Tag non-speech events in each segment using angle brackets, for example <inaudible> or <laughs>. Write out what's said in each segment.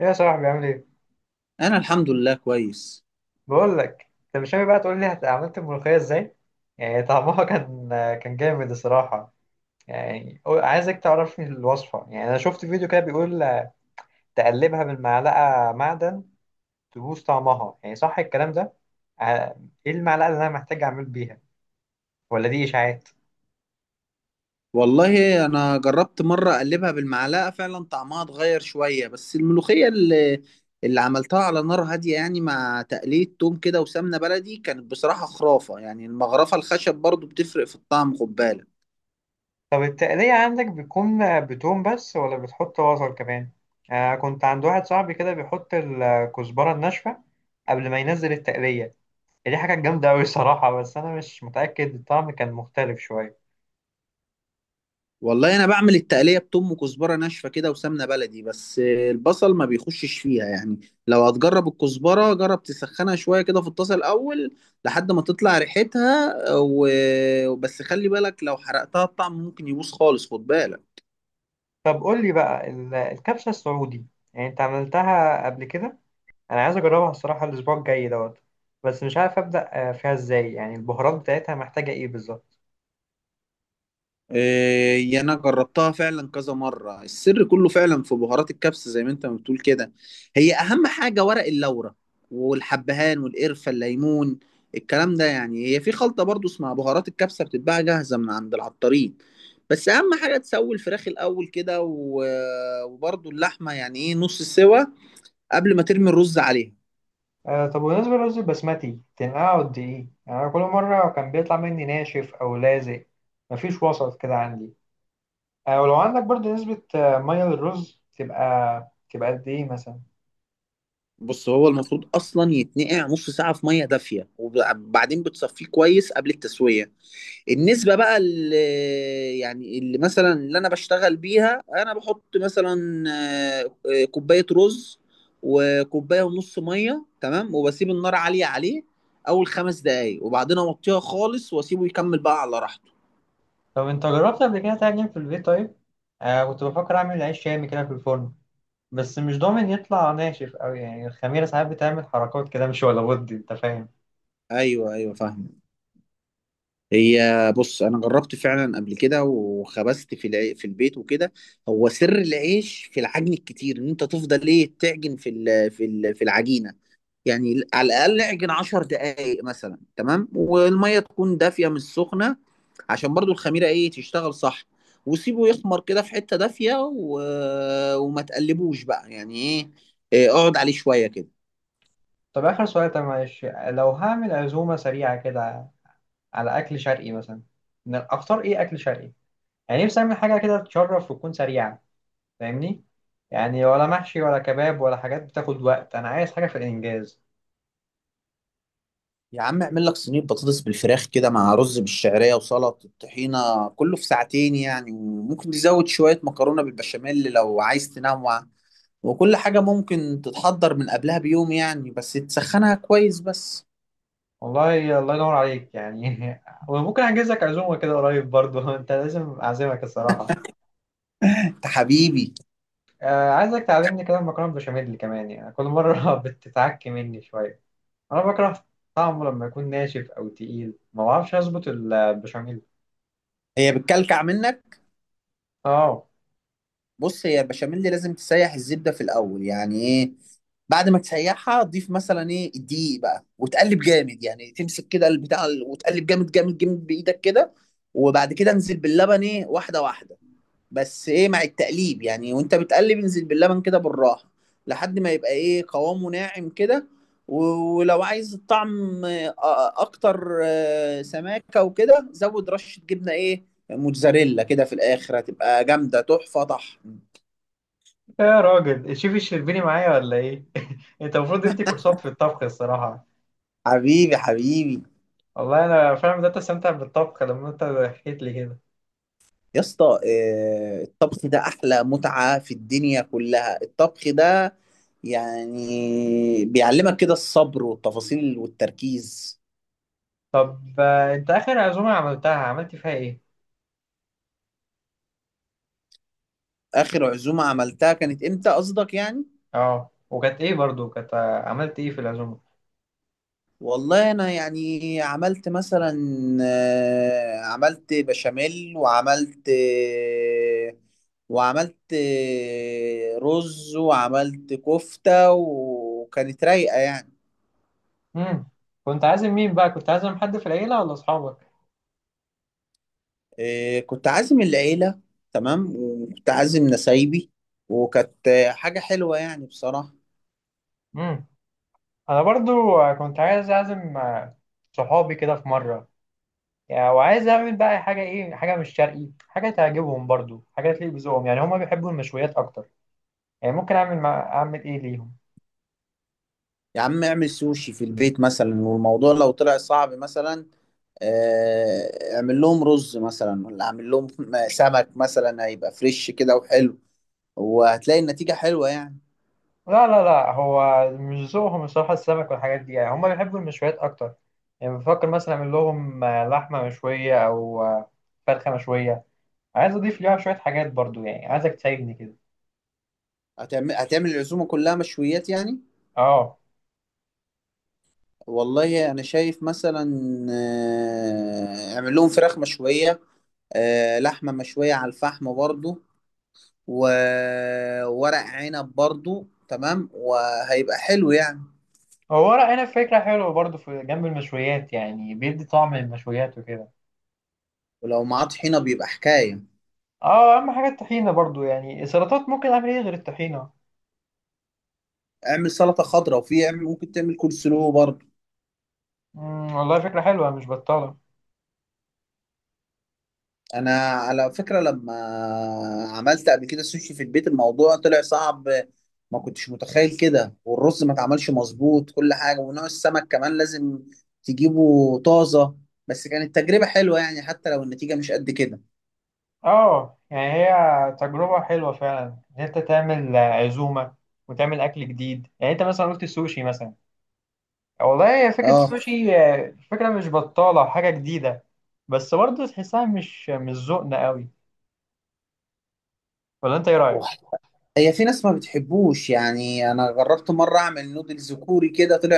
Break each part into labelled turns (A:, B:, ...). A: يا صاحبي عامل ايه؟
B: انا الحمد لله كويس.
A: بقول لك، انت مش ناوي بقى تقول لي عملت الملوخية ازاي؟ يعني طعمها <laughs> كان جامد الصراحة. يعني عايزك تعرفني الوصفة، يعني انا شفت فيديو كده بيقول تقلبها بالمعلقة معدن تبوظ طعمها، يعني صح الكلام ده؟ ع- ايه المعلقة اللي انا محتاج اعمل بيها؟ ولا دي اشاعات؟
B: والله انا جربت مره اقلبها بالمعلقه فعلا طعمها اتغير شويه، بس الملوخيه اللي عملتها على نار هاديه يعني مع تقليه توم كده وسمنه بلدي كانت بصراحه خرافه، يعني المغرفه الخشب برضو بتفرق في الطعم، خد بالك.
A: طب التقلية عندك بتكون بتوم بس ولا بتحط بصل كمان؟ آه، كنت عند واحد صاحبي كده بيحط الكزبرة الناشفة قبل ما ينزل التقلية، دي حاجة جامدة أوي الصراحة، بس أنا مش متأكد، الطعم كان مختلف شوية.
B: والله انا بعمل التقليه بتوم وكزبره ناشفه كده وسمنه بلدي، بس البصل ما بيخشش فيها يعني. لو هتجرب الكزبره جرب تسخنها شويه كده في الطاسه الاول لحد ما تطلع ريحتها وبس، خلي بالك لو حرقتها الطعم ممكن يبوظ خالص، خد بالك.
A: طب قول لي بقى الكبسة السعودي، يعني أنت عملتها قبل كده، أنا عايز أجربها الصراحة الأسبوع الجاي دوت. بس مش عارف أبدأ فيها إزاي، يعني البهارات بتاعتها محتاجة إيه بالظبط؟
B: إيه، انا جربتها فعلا كذا مره، السر كله فعلا في بهارات الكبسه زي ما انت ما بتقول كده، هي اهم حاجه ورق اللورة والحبهان والقرفه الليمون الكلام ده يعني، هي في خلطه برضو اسمها بهارات الكبسه بتتباع جاهزه من عند العطارين، بس اهم حاجه تسوي الفراخ الاول كده وبرضو اللحمه يعني ايه نص سوا قبل ما ترمي الرز عليها.
A: آه، طب بالنسبة للرز البسمتي تنقعه قد إيه؟ يعني أنا كل مرة كان بيطلع مني ناشف أو لازق، مفيش وسط كده عندي. آه، ولو عندك برضه نسبة مية للرز تبقى قد إيه مثلا؟
B: بص هو المفروض اصلا يتنقع نص ساعه في ميه دافيه، وبعدين بتصفيه كويس قبل التسويه. النسبة بقى اللي يعني اللي مثلا اللي أنا بشتغل بيها، أنا بحط مثلا كوباية رز وكوباية ونص مية، تمام؟ وبسيب النار عالية عليه أول خمس دقايق وبعدين أوطيها خالص وأسيبه يكمل بقى على راحته.
A: طب انت جربت قبل كده تعجن في البيت طيب؟ آه، كنت بفكر اعمل عيش شامي كده في الفرن، بس مش ضامن يطلع ناشف قوي، يعني الخميرة ساعات بتعمل حركات كده مش ولا بد، انت فاهم.
B: أيوه، أيوه، فاهم. هي بص أنا جربت فعلا قبل كده وخبزت في في البيت وكده، هو سر العيش في العجن الكتير، إن أنت تفضل إيه تعجن في العجينة، يعني على الاقل اعجن 10 دقائق مثلا، تمام، والميه تكون دافيه مش سخنه عشان برضو الخميره ايه تشتغل صح، وسيبه يخمر كده في حته دافيه، وما تقلبوش بقى يعني ايه، إيه، اقعد عليه شويه كده.
A: طب اخر سؤال، طب معلش لو هعمل عزومة سريعة كده على اكل شرقي مثلا، اختار ايه اكل شرقي؟ يعني نفسي اعمل حاجة كده تشرف وتكون سريعة، فاهمني؟ يعني ولا محشي ولا كباب ولا حاجات بتاخد وقت، انا عايز حاجة في الانجاز.
B: يا عم اعمل لك صينيه بطاطس بالفراخ كده مع رز بالشعريه وسلطه الطحينه، كله في ساعتين يعني، وممكن تزود شويه مكرونه بالبشاميل لو عايز تنوع، وكل حاجه ممكن تتحضر من قبلها بيوم يعني، بس تسخنها كويس بس.
A: والله الله ينور عليك يعني <laughs> وممكن احجز لك عزومه كده قريب برضه <laughs> انت لازم اعزمك الصراحه.
B: انت حبيبي.
A: آه، عايزك تعلمني كده المكرونه بالبشاميل كمان، يعني كل مره <laughs> بتتعك مني شويه، انا بكره طعمه لما يكون ناشف او تقيل، ما بعرفش اظبط البشاميل.
B: هي بتكلكع منك.
A: اه،
B: بص، هي البشاميل دي لازم تسيح الزبده في الاول يعني ايه، بعد ما تسيحها ضيف مثلا ايه الدقيق بقى وتقلب جامد، يعني تمسك كده وتقلب جامد جامد جامد بايدك كده، وبعد كده انزل باللبن ايه واحده واحده، بس ايه مع التقليب يعني، وانت بتقلب انزل باللبن كده بالراحه لحد ما يبقى ايه قوامه ناعم كده، ولو عايز الطعم اكتر سماكه وكده زود رشه جبنه ايه موتزاريلا كده في الاخر، هتبقى جامده تحفه طحن.
A: يا راجل، الشيف الشربيني معايا ولا ايه؟ <laughs> انت المفروض تدي كورسات في الطبخ الصراحه.
B: حبيبي حبيبي.
A: والله انا فعلا بدات استمتع بالطبخ لما انت حكيت لي كده.
B: يا اسطى، الطبخ ده احلى متعه في الدنيا كلها الطبخ ده، يعني بيعلمك كده الصبر والتفاصيل والتركيز.
A: طب انت اخر عزومه عملتها عملت فيها ايه؟
B: آخر عزومة عملتها كانت إمتى قصدك يعني؟
A: اه، وكانت ايه برضو، كانت عملت ايه في العزومه؟
B: والله أنا يعني عملت مثلا عملت بشاميل وعملت وعملت رز وعملت كفتة، وكانت رايقة يعني.
A: امم كنت عازم مين بقى، كنت عازم حد في العيله ولا اصحابك؟
B: كنت عازم العيلة، تمام، وكنت عازم نسايبي، وكانت حاجة حلوة يعني بصراحة.
A: امم انا برضو كنت عايز اعزم صحابي كده في مره، يعني وعايز اعمل بقى حاجه، ايه حاجه مش شرقي، حاجه تعجبهم برضو، حاجه تليق بذوقهم، يعني هما بيحبوا المشويات اكتر، يعني ممكن اعمل اعمل ايه ليهم؟
B: يا عم اعمل سوشي في البيت مثلا، والموضوع لو طلع صعب مثلا اعمل لهم رز مثلا، ولا اعمل لهم سمك مثلا هيبقى فريش كده وحلو، وهتلاقي النتيجة حلوة يعني.
A: لا، لا، لا، هو مش ذوقهم الصراحه، السمك والحاجات دي، يعني هما بيحبوا المشويات اكتر، يعني بفكر مثلا اعمل لهم لحمه مشويه او فرخه مشويه، عايز اضيف ليها شويه حاجات برضو، يعني عايزك تساعدني كده.
B: هتعمل العزومة كلها مشويات يعني؟
A: اه،
B: والله انا شايف مثلا اعمل لهم فراخ مشوية، لحمة مشوية على الفحم برضو، وورق عنب برضو، تمام، وهيبقى حلو يعني.
A: هو ورق عنب فكره حلوه برضو في جنب المشويات، يعني بيدي طعم المشويات وكده.
B: ولو معاه طحينة بيبقى حكاية.
A: اه، اهم حاجه الطحينه برضو، يعني السلطات ممكن اعمل ايه غير الطحينه؟
B: اعمل سلطة خضراء، وفي اعمل ممكن تعمل كول سلو برضو.
A: والله فكره حلوه مش بطاله.
B: انا على فكره لما عملت قبل كده سوشي في البيت الموضوع طلع صعب، ما كنتش متخيل كده، والرز ما اتعملش مظبوط، كل حاجه ونوع السمك كمان لازم تجيبه طازه، بس كانت تجربه حلوه يعني حتى لو النتيجه مش قد كده.
A: اه، يعني هي تجربه حلوه فعلا ان انت تعمل عزومه وتعمل اكل جديد، يعني انت مثلا قلت السوشي مثلا، والله فكره
B: اه
A: السوشي فكره مش بطاله حاجه جديده، بس برضو تحسها مش ذوقنا قوي، ولا انت ايه رايك؟
B: وح- هي في ناس ما بتحبوش يعني، انا جربت مره اعمل نودلز كوري كده، طلع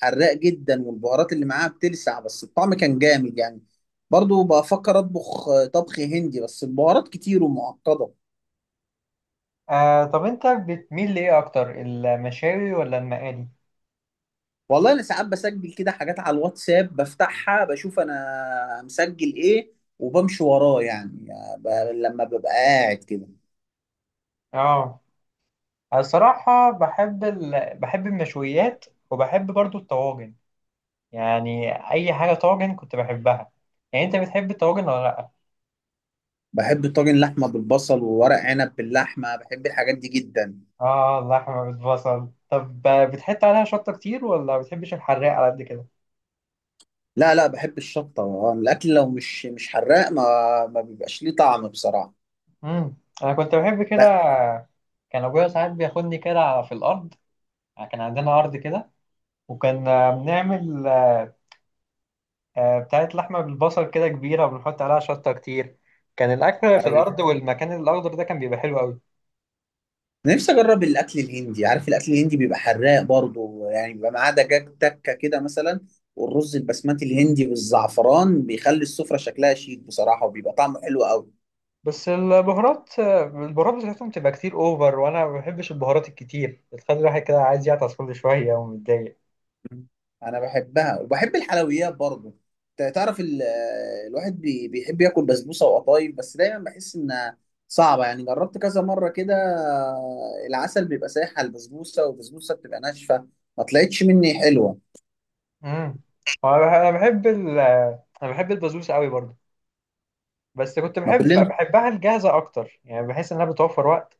B: حراق جدا والبهارات اللي معاها بتلسع، بس الطعم كان جامد يعني، برضو بفكر اطبخ طبخ هندي بس البهارات كتير ومعقده.
A: آه، طب انت بتميل لايه اكتر، المشاوي ولا المقالي؟
B: والله انا ساعات بسجل كده حاجات على الواتساب، بفتحها بشوف انا مسجل ايه وبمشي وراه يعني، ب... لما ببقى قاعد كده.
A: اه، الصراحه بحب المشويات وبحب برضو الطواجن، يعني اي حاجه طاجن كنت بحبها، يعني انت بتحب الطواجن ولا لا؟
B: بحب طاجن لحمه بالبصل وورق عنب باللحمه، بحب الحاجات دي جدا.
A: اه، اللحمه بالبصل، طب بتحط عليها شطه كتير ولا بتحبش الحراق على قد كده؟
B: لا، لا، بحب الشطه، الاكل لو مش حراق ما بيبقاش ليه طعم بصراحه.
A: امم انا كنت بحب كده، كان ابويا ساعات بياخدني كده في الارض، كان عندنا ارض كده، وكان بنعمل بتاعت لحمة بالبصل كده كبيرة وبنحط عليها شطة كتير، كان الأكل في
B: لا،
A: الأرض والمكان الأخضر ده كان بيبقى حلو أوي.
B: أنا نفسي اجرب الاكل الهندي، عارف الاكل الهندي بيبقى حراق برضه يعني، بيبقى معاه دجاج تكه كده مثلا والرز البسمتي الهندي بالزعفران بيخلي السفرة شكلها شيك بصراحة وبيبقى طعمه حلو قوي.
A: بس البهارات البهارات بتاعتهم تبقى كتير أوفر، وأنا ما بحبش البهارات الكتير، بتخلي الواحد كده عايز يعطس كل شوية ومتضايق.
B: انا بحبها وبحب الحلويات برضه، ت- تعرف ال- الواحد بيحب ياكل بسبوسة وقطايف، بس دايما بحس انها صعبة يعني، جربت كذا مرة كده العسل بيبقى سايح على البسبوسة والبسبوسة بتبقى ناشفة، ما طلعتش مني حلوة.
A: امم هو أنا بح- أنا بحب ال آه، أنا بحب البسبوسة أوي برضه، بس كنت
B: ما كلنا.
A: بحبها الجاهزة أكتر، يعني بحس إنها بتوفر وقت،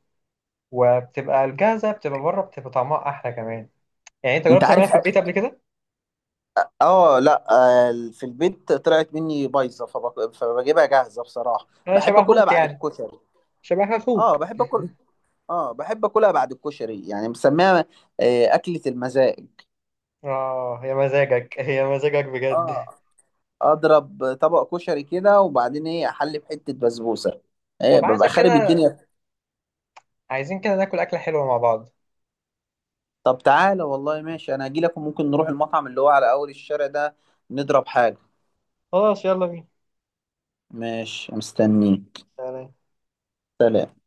A: وبتبقى الجاهزة بتبقى بره بتبقى طعمها أحلى كمان، يعني أنت
B: انت
A: جربت تعملها
B: عارف.
A: في البيت قبل كده؟
B: اه، لا، في البيت طلعت مني بايظه، فبجيبها جاهزه بصراحه،
A: أنا
B: بحب
A: شبه
B: اكلها
A: أخوك،
B: بعد
A: يعني
B: الكشري.
A: شبه أخوك.
B: اه بحب اكل، اه بحب اكلها بعد الكشري يعني، مسميها اكله المزاج.
A: اه، هي مزاجك، هي مزاجك بجد
B: اه،
A: <laughs>
B: اضرب طبق كشري كده وبعدين ايه احلي بحته بسبوسه ايه،
A: طب
B: ببقى
A: عايزك
B: خارب
A: كده،
B: الدنيا.
A: عايزين كده ناكل أكلة حلوة مع بعض.
B: طب تعالى، والله ماشي، انا هجي لك وممكن نروح المطعم اللي هو على اول الشارع ده، نضرب حاجه.
A: خلاص، يلا بينا.
B: ماشي مستنيك.
A: سلام.
B: سلام.